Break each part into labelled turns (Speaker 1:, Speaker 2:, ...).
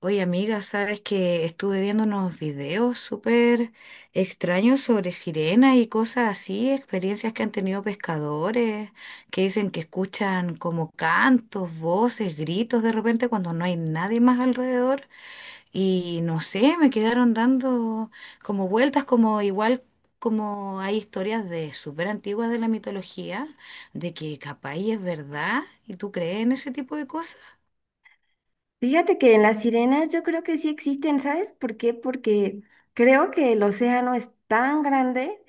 Speaker 1: Oye, amiga, sabes que estuve viendo unos videos súper extraños sobre sirenas y cosas así, experiencias que han tenido pescadores, que dicen que escuchan como cantos, voces, gritos de repente cuando no hay nadie más alrededor. Y no sé, me quedaron dando como vueltas, como igual como hay historias de súper antiguas de la mitología, de que capaz y es verdad, y tú crees en ese tipo de cosas.
Speaker 2: Fíjate que en las sirenas yo creo que sí existen, ¿sabes por qué? Porque creo que el océano es tan grande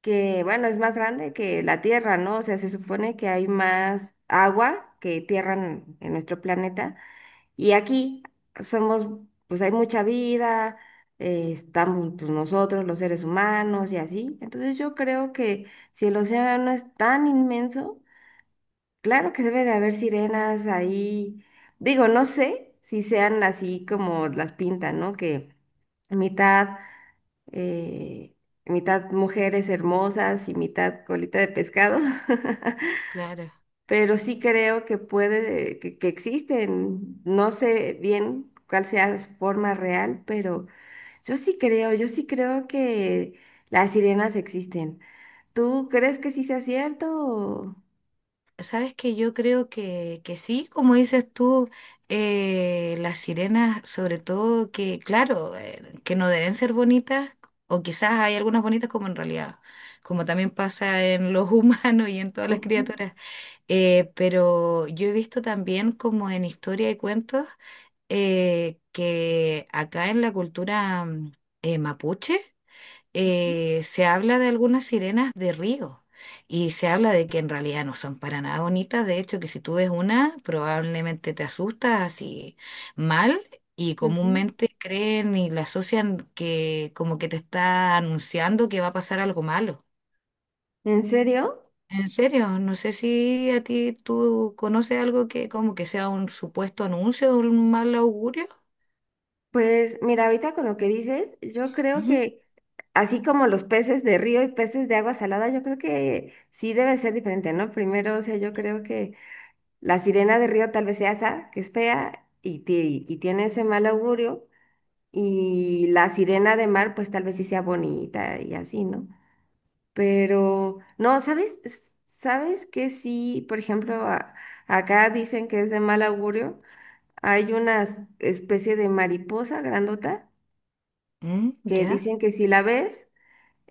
Speaker 2: que, bueno, es más grande que la Tierra, ¿no? O sea, se supone que hay más agua que tierra en nuestro planeta. Y aquí somos, pues hay mucha vida, estamos pues nosotros, los seres humanos y así. Entonces yo creo que si el océano es tan inmenso, claro que debe de haber sirenas ahí. Digo, no sé si sean así como las pintan, ¿no? Que mitad, eh, mitad mujeres hermosas y mitad colita de pescado.
Speaker 1: Claro.
Speaker 2: Pero sí creo que que existen. No sé bien cuál sea su forma real, pero yo sí creo que las sirenas existen. ¿Tú crees que sí sea cierto?
Speaker 1: Sabes que yo creo que sí, como dices tú, las sirenas, sobre todo que, claro, que no deben ser bonitas, o quizás hay algunas bonitas como en realidad, como también pasa en los humanos y en todas las
Speaker 2: Ujú,
Speaker 1: criaturas. Pero yo he visto también como en historia y cuentos que acá en la cultura mapuche, se habla de algunas sirenas de río y se habla de que en realidad no son para nada bonitas, de hecho que si tú ves una probablemente te asustas así mal y
Speaker 2: ujú.
Speaker 1: comúnmente creen y la asocian que como que te está anunciando que va a pasar algo malo.
Speaker 2: ¿En serio?
Speaker 1: En serio, no sé si a ti tú conoces algo que como que sea un supuesto anuncio de un mal augurio.
Speaker 2: Pues mira, ahorita con lo que dices, yo creo
Speaker 1: Ujú.
Speaker 2: que así como los peces de río y peces de agua salada, yo creo que sí debe ser diferente, ¿no? Primero, o sea, yo creo que la sirena de río tal vez sea esa, que es fea y y tiene ese mal augurio, y la sirena de mar, pues tal vez sí sea bonita y así, ¿no? Pero, no, ¿sabes? ¿Sabes que sí, por ejemplo, acá dicen que es de mal augurio? Hay una especie de mariposa grandota
Speaker 1: Mm,
Speaker 2: que
Speaker 1: ya.
Speaker 2: dicen que si la ves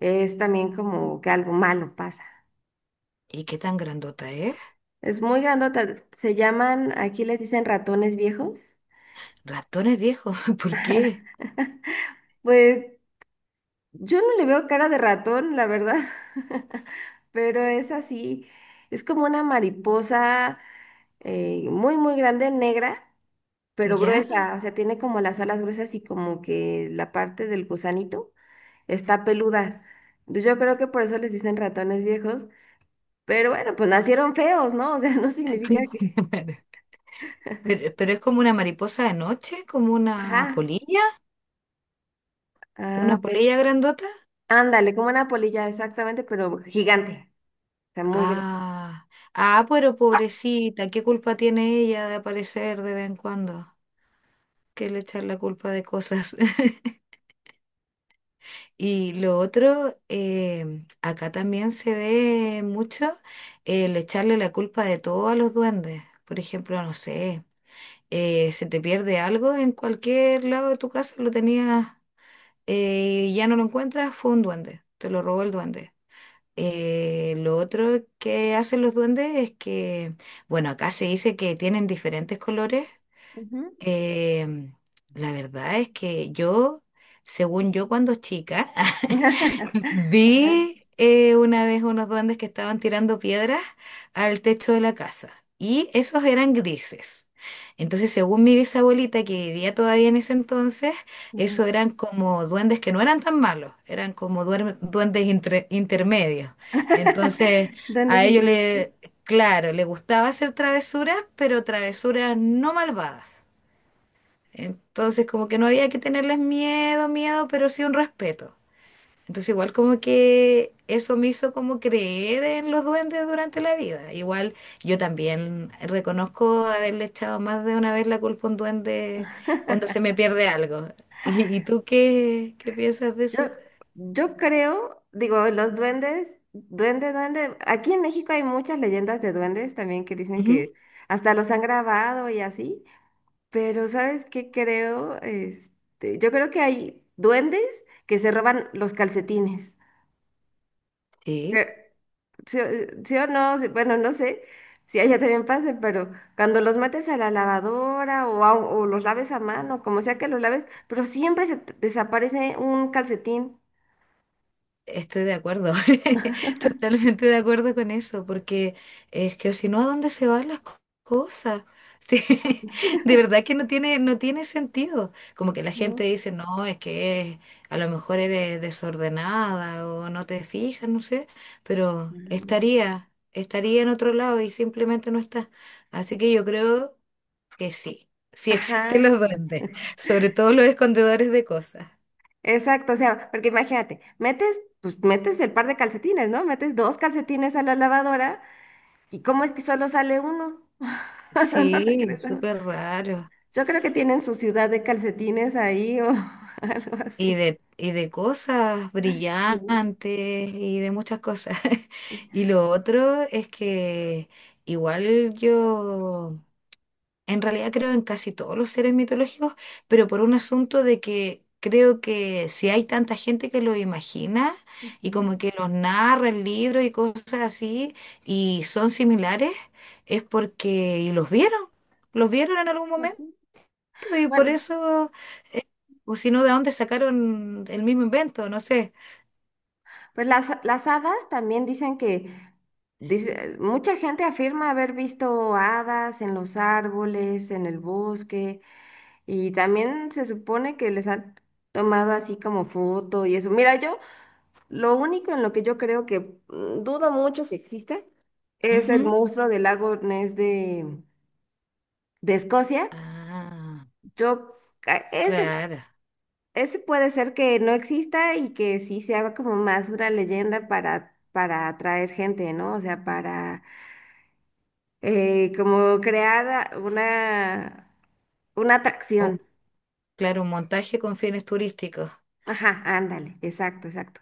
Speaker 2: es también como que algo malo pasa.
Speaker 1: ¿Y qué tan grandota es?
Speaker 2: Es muy grandota, se llaman, aquí les dicen ratones viejos.
Speaker 1: Ratones viejos, ¿por qué?
Speaker 2: Pues yo no le veo cara de ratón, la verdad, pero es así, es como una mariposa muy, muy grande, negra, pero
Speaker 1: ¿Ya?
Speaker 2: gruesa, o sea, tiene como las alas gruesas y como que la parte del gusanito está peluda. Yo creo que por eso les dicen ratones viejos. Pero bueno, pues nacieron feos, ¿no? O sea, no significa
Speaker 1: Sí.
Speaker 2: que...
Speaker 1: Pero es como una mariposa de noche, como
Speaker 2: Ajá. Ah,
Speaker 1: una
Speaker 2: pues
Speaker 1: polilla grandota.
Speaker 2: ándale, como una polilla, exactamente, pero gigante. O sea, muy grande.
Speaker 1: Ah, ah, pero pobrecita, ¿qué culpa tiene ella de aparecer de vez en cuando? Que le echar la culpa de cosas. Y lo otro, acá también se ve mucho el echarle la culpa de todo a los duendes. Por ejemplo, no sé, se te pierde algo en cualquier lado de tu casa, lo tenías ya no lo encuentras, fue un duende, te lo robó el duende. Lo otro que hacen los duendes es que, bueno, acá se dice que tienen diferentes colores.
Speaker 2: Ujú.
Speaker 1: Em, la verdad es que yo, según yo cuando chica,
Speaker 2: Ajá,
Speaker 1: vi una vez unos duendes que estaban tirando piedras al techo de la casa y esos eran grises. Entonces, según mi bisabuelita que vivía todavía en ese entonces,
Speaker 2: ujú.
Speaker 1: esos eran como duendes que no eran tan malos, eran como duendes intermedios. Entonces,
Speaker 2: ¿Duendes
Speaker 1: a
Speaker 2: sin...
Speaker 1: ellos le, claro, le gustaba hacer travesuras, pero travesuras no malvadas. Entonces, como que no había que tenerles miedo, miedo, pero sí un respeto. Entonces igual como que eso me hizo como creer en los duendes durante la vida. Igual yo también reconozco haberle echado más de una vez la culpa a un duende cuando se me pierde algo. ¿Y, y tú qué, qué piensas de
Speaker 2: Yo,
Speaker 1: eso?
Speaker 2: los duendes, duende, duende. Aquí en México hay muchas leyendas de duendes también que dicen
Speaker 1: Ujú.
Speaker 2: que hasta los han grabado y así. Pero ¿sabes qué creo? Yo creo que hay duendes que se roban los calcetines.
Speaker 1: Sí.
Speaker 2: Que- Sí, o sí o no, sí, bueno, no sé si allá también pase, pero cuando los metes a la lavadora o o los laves a mano, como sea que los laves, pero siempre se te desaparece un calcetín,
Speaker 1: Estoy de acuerdo, totalmente de acuerdo con eso, porque es que si no, ¿a dónde se van las cosas? Sí, de verdad que no no tiene sentido. Como que la gente
Speaker 2: ¿no?
Speaker 1: dice, no, es que a lo mejor eres desordenada o no te fijas, no sé, pero
Speaker 2: No.
Speaker 1: estaría en otro lado y simplemente no está. Así que yo creo que sí, sí existen
Speaker 2: Ajá,
Speaker 1: los duendes, sobre todo los escondedores de cosas.
Speaker 2: exacto, o sea, porque imagínate, pues metes el par de calcetines, ¿no? Metes dos calcetines a la lavadora y ¿cómo es que solo sale uno? Solo
Speaker 1: Sí,
Speaker 2: regresa uno.
Speaker 1: súper raro.
Speaker 2: Yo creo que tienen su ciudad de calcetines ahí o algo
Speaker 1: Y
Speaker 2: así.
Speaker 1: de, y de cosas
Speaker 2: Sí.
Speaker 1: brillantes y de muchas cosas. Y lo otro es que igual yo en realidad creo en casi todos los seres mitológicos, pero por un asunto de que creo que si hay tanta gente que lo imagina y
Speaker 2: Ujú.
Speaker 1: como que los narra en libros y cosas así y son similares, es porque los vieron en algún momento.
Speaker 2: Ujú.
Speaker 1: Y por
Speaker 2: Bueno,
Speaker 1: eso, o si no, ¿de dónde sacaron el mismo invento? No sé.
Speaker 2: pues las hadas también dicen que mucha gente afirma haber visto hadas en los árboles, en el bosque, y también se supone que les han tomado así como foto y eso. Mira, yo lo único en lo que yo creo que dudo mucho si existe es el
Speaker 1: Ujú.
Speaker 2: monstruo del lago Ness de Escocia.
Speaker 1: Ah,
Speaker 2: Yo, ese...
Speaker 1: claro.
Speaker 2: Ese puede ser que no exista y que sí sea como más una leyenda para atraer gente, ¿no? O sea, para como crear una, una
Speaker 1: Oh,
Speaker 2: atracción.
Speaker 1: claro, un montaje con fines turísticos.
Speaker 2: Ajá, ándale, exacto, exacto.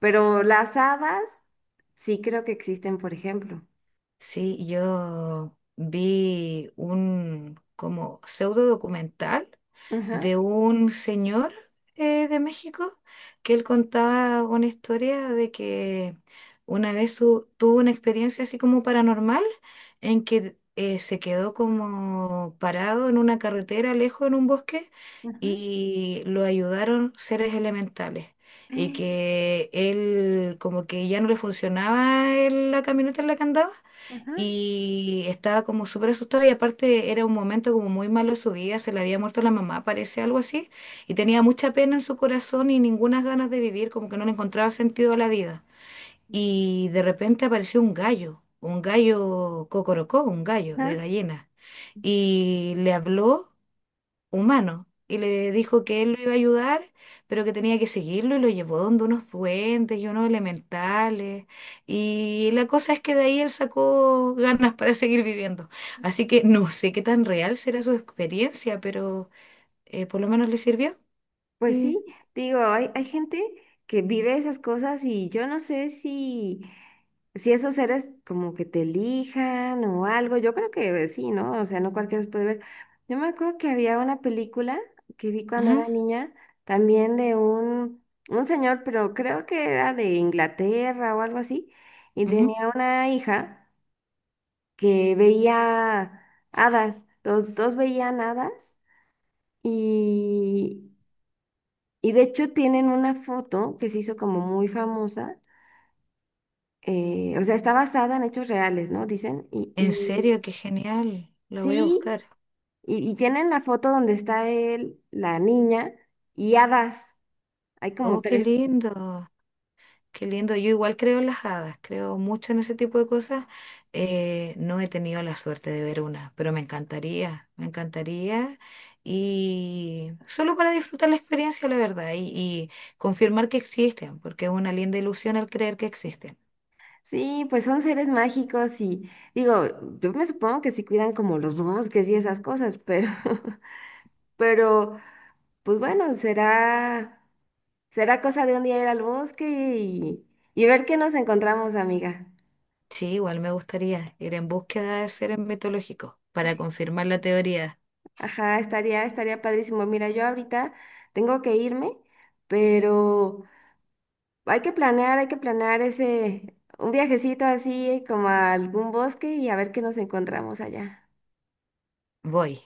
Speaker 2: Pero las hadas sí creo que existen, por ejemplo.
Speaker 1: Sí, yo vi un como pseudo documental
Speaker 2: Ajá,
Speaker 1: de un señor de México que él contaba una historia de que una vez tuvo una experiencia así como paranormal en que se quedó como parado en una carretera lejos en un bosque
Speaker 2: ajá,
Speaker 1: y lo ayudaron seres elementales y que él como que ya no le funcionaba la camioneta en la que andaba
Speaker 2: ajá,
Speaker 1: y estaba como súper asustada y aparte era un momento como muy malo de su vida, se le había muerto la mamá, parece algo así, y tenía mucha pena en su corazón y ninguna ganas de vivir, como que no le encontraba sentido a la vida. Y de repente apareció un gallo cocorocó, un gallo de
Speaker 2: ajá.
Speaker 1: gallina, y le habló humano y le dijo que él lo iba a ayudar, pero que tenía que seguirlo y lo llevó donde unos duendes y unos elementales. Y la cosa es que de ahí él sacó ganas para seguir viviendo. Así que no sé qué tan real será su experiencia, pero por lo menos le sirvió.
Speaker 2: Pues
Speaker 1: Y,
Speaker 2: sí, digo, hay gente que vive esas cosas y yo no sé si, si esos seres como que te elijan o algo, yo creo que sí, ¿no? O sea, no cualquiera los puede ver. Yo me acuerdo que había una película que vi cuando
Speaker 1: ujú,
Speaker 2: era niña, también de un señor, pero creo que era de Inglaterra o algo así, y
Speaker 1: ujú.
Speaker 2: tenía una hija que veía hadas, los dos veían hadas. Y, y de hecho tienen una foto que se hizo como muy famosa, o sea, está basada en hechos reales, ¿no? Dicen,
Speaker 1: En serio, qué genial. Lo voy a
Speaker 2: sí,
Speaker 1: buscar.
Speaker 2: y tienen la foto donde está él, la niña y hadas, hay como
Speaker 1: Oh, qué
Speaker 2: tres.
Speaker 1: lindo. Qué lindo, yo igual creo en las hadas, creo mucho en ese tipo de cosas. No he tenido la suerte de ver una, pero me encantaría, me encantaría. Y solo para disfrutar la experiencia, la verdad, y confirmar que existen, porque es una linda ilusión al creer que existen.
Speaker 2: Sí, pues son seres mágicos y digo, yo me supongo que sí cuidan como los bosques y esas cosas, pero, pero, pues bueno, será, será cosa de un día ir al bosque y ver qué nos encontramos, amiga.
Speaker 1: Sí, igual me gustaría ir en búsqueda de seres mitológicos para confirmar la teoría.
Speaker 2: Ajá, estaría, estaría padrísimo. Mira, yo ahorita tengo que irme, pero hay que planear ese, un viajecito así como a algún bosque y a ver qué nos encontramos allá.
Speaker 1: Voy.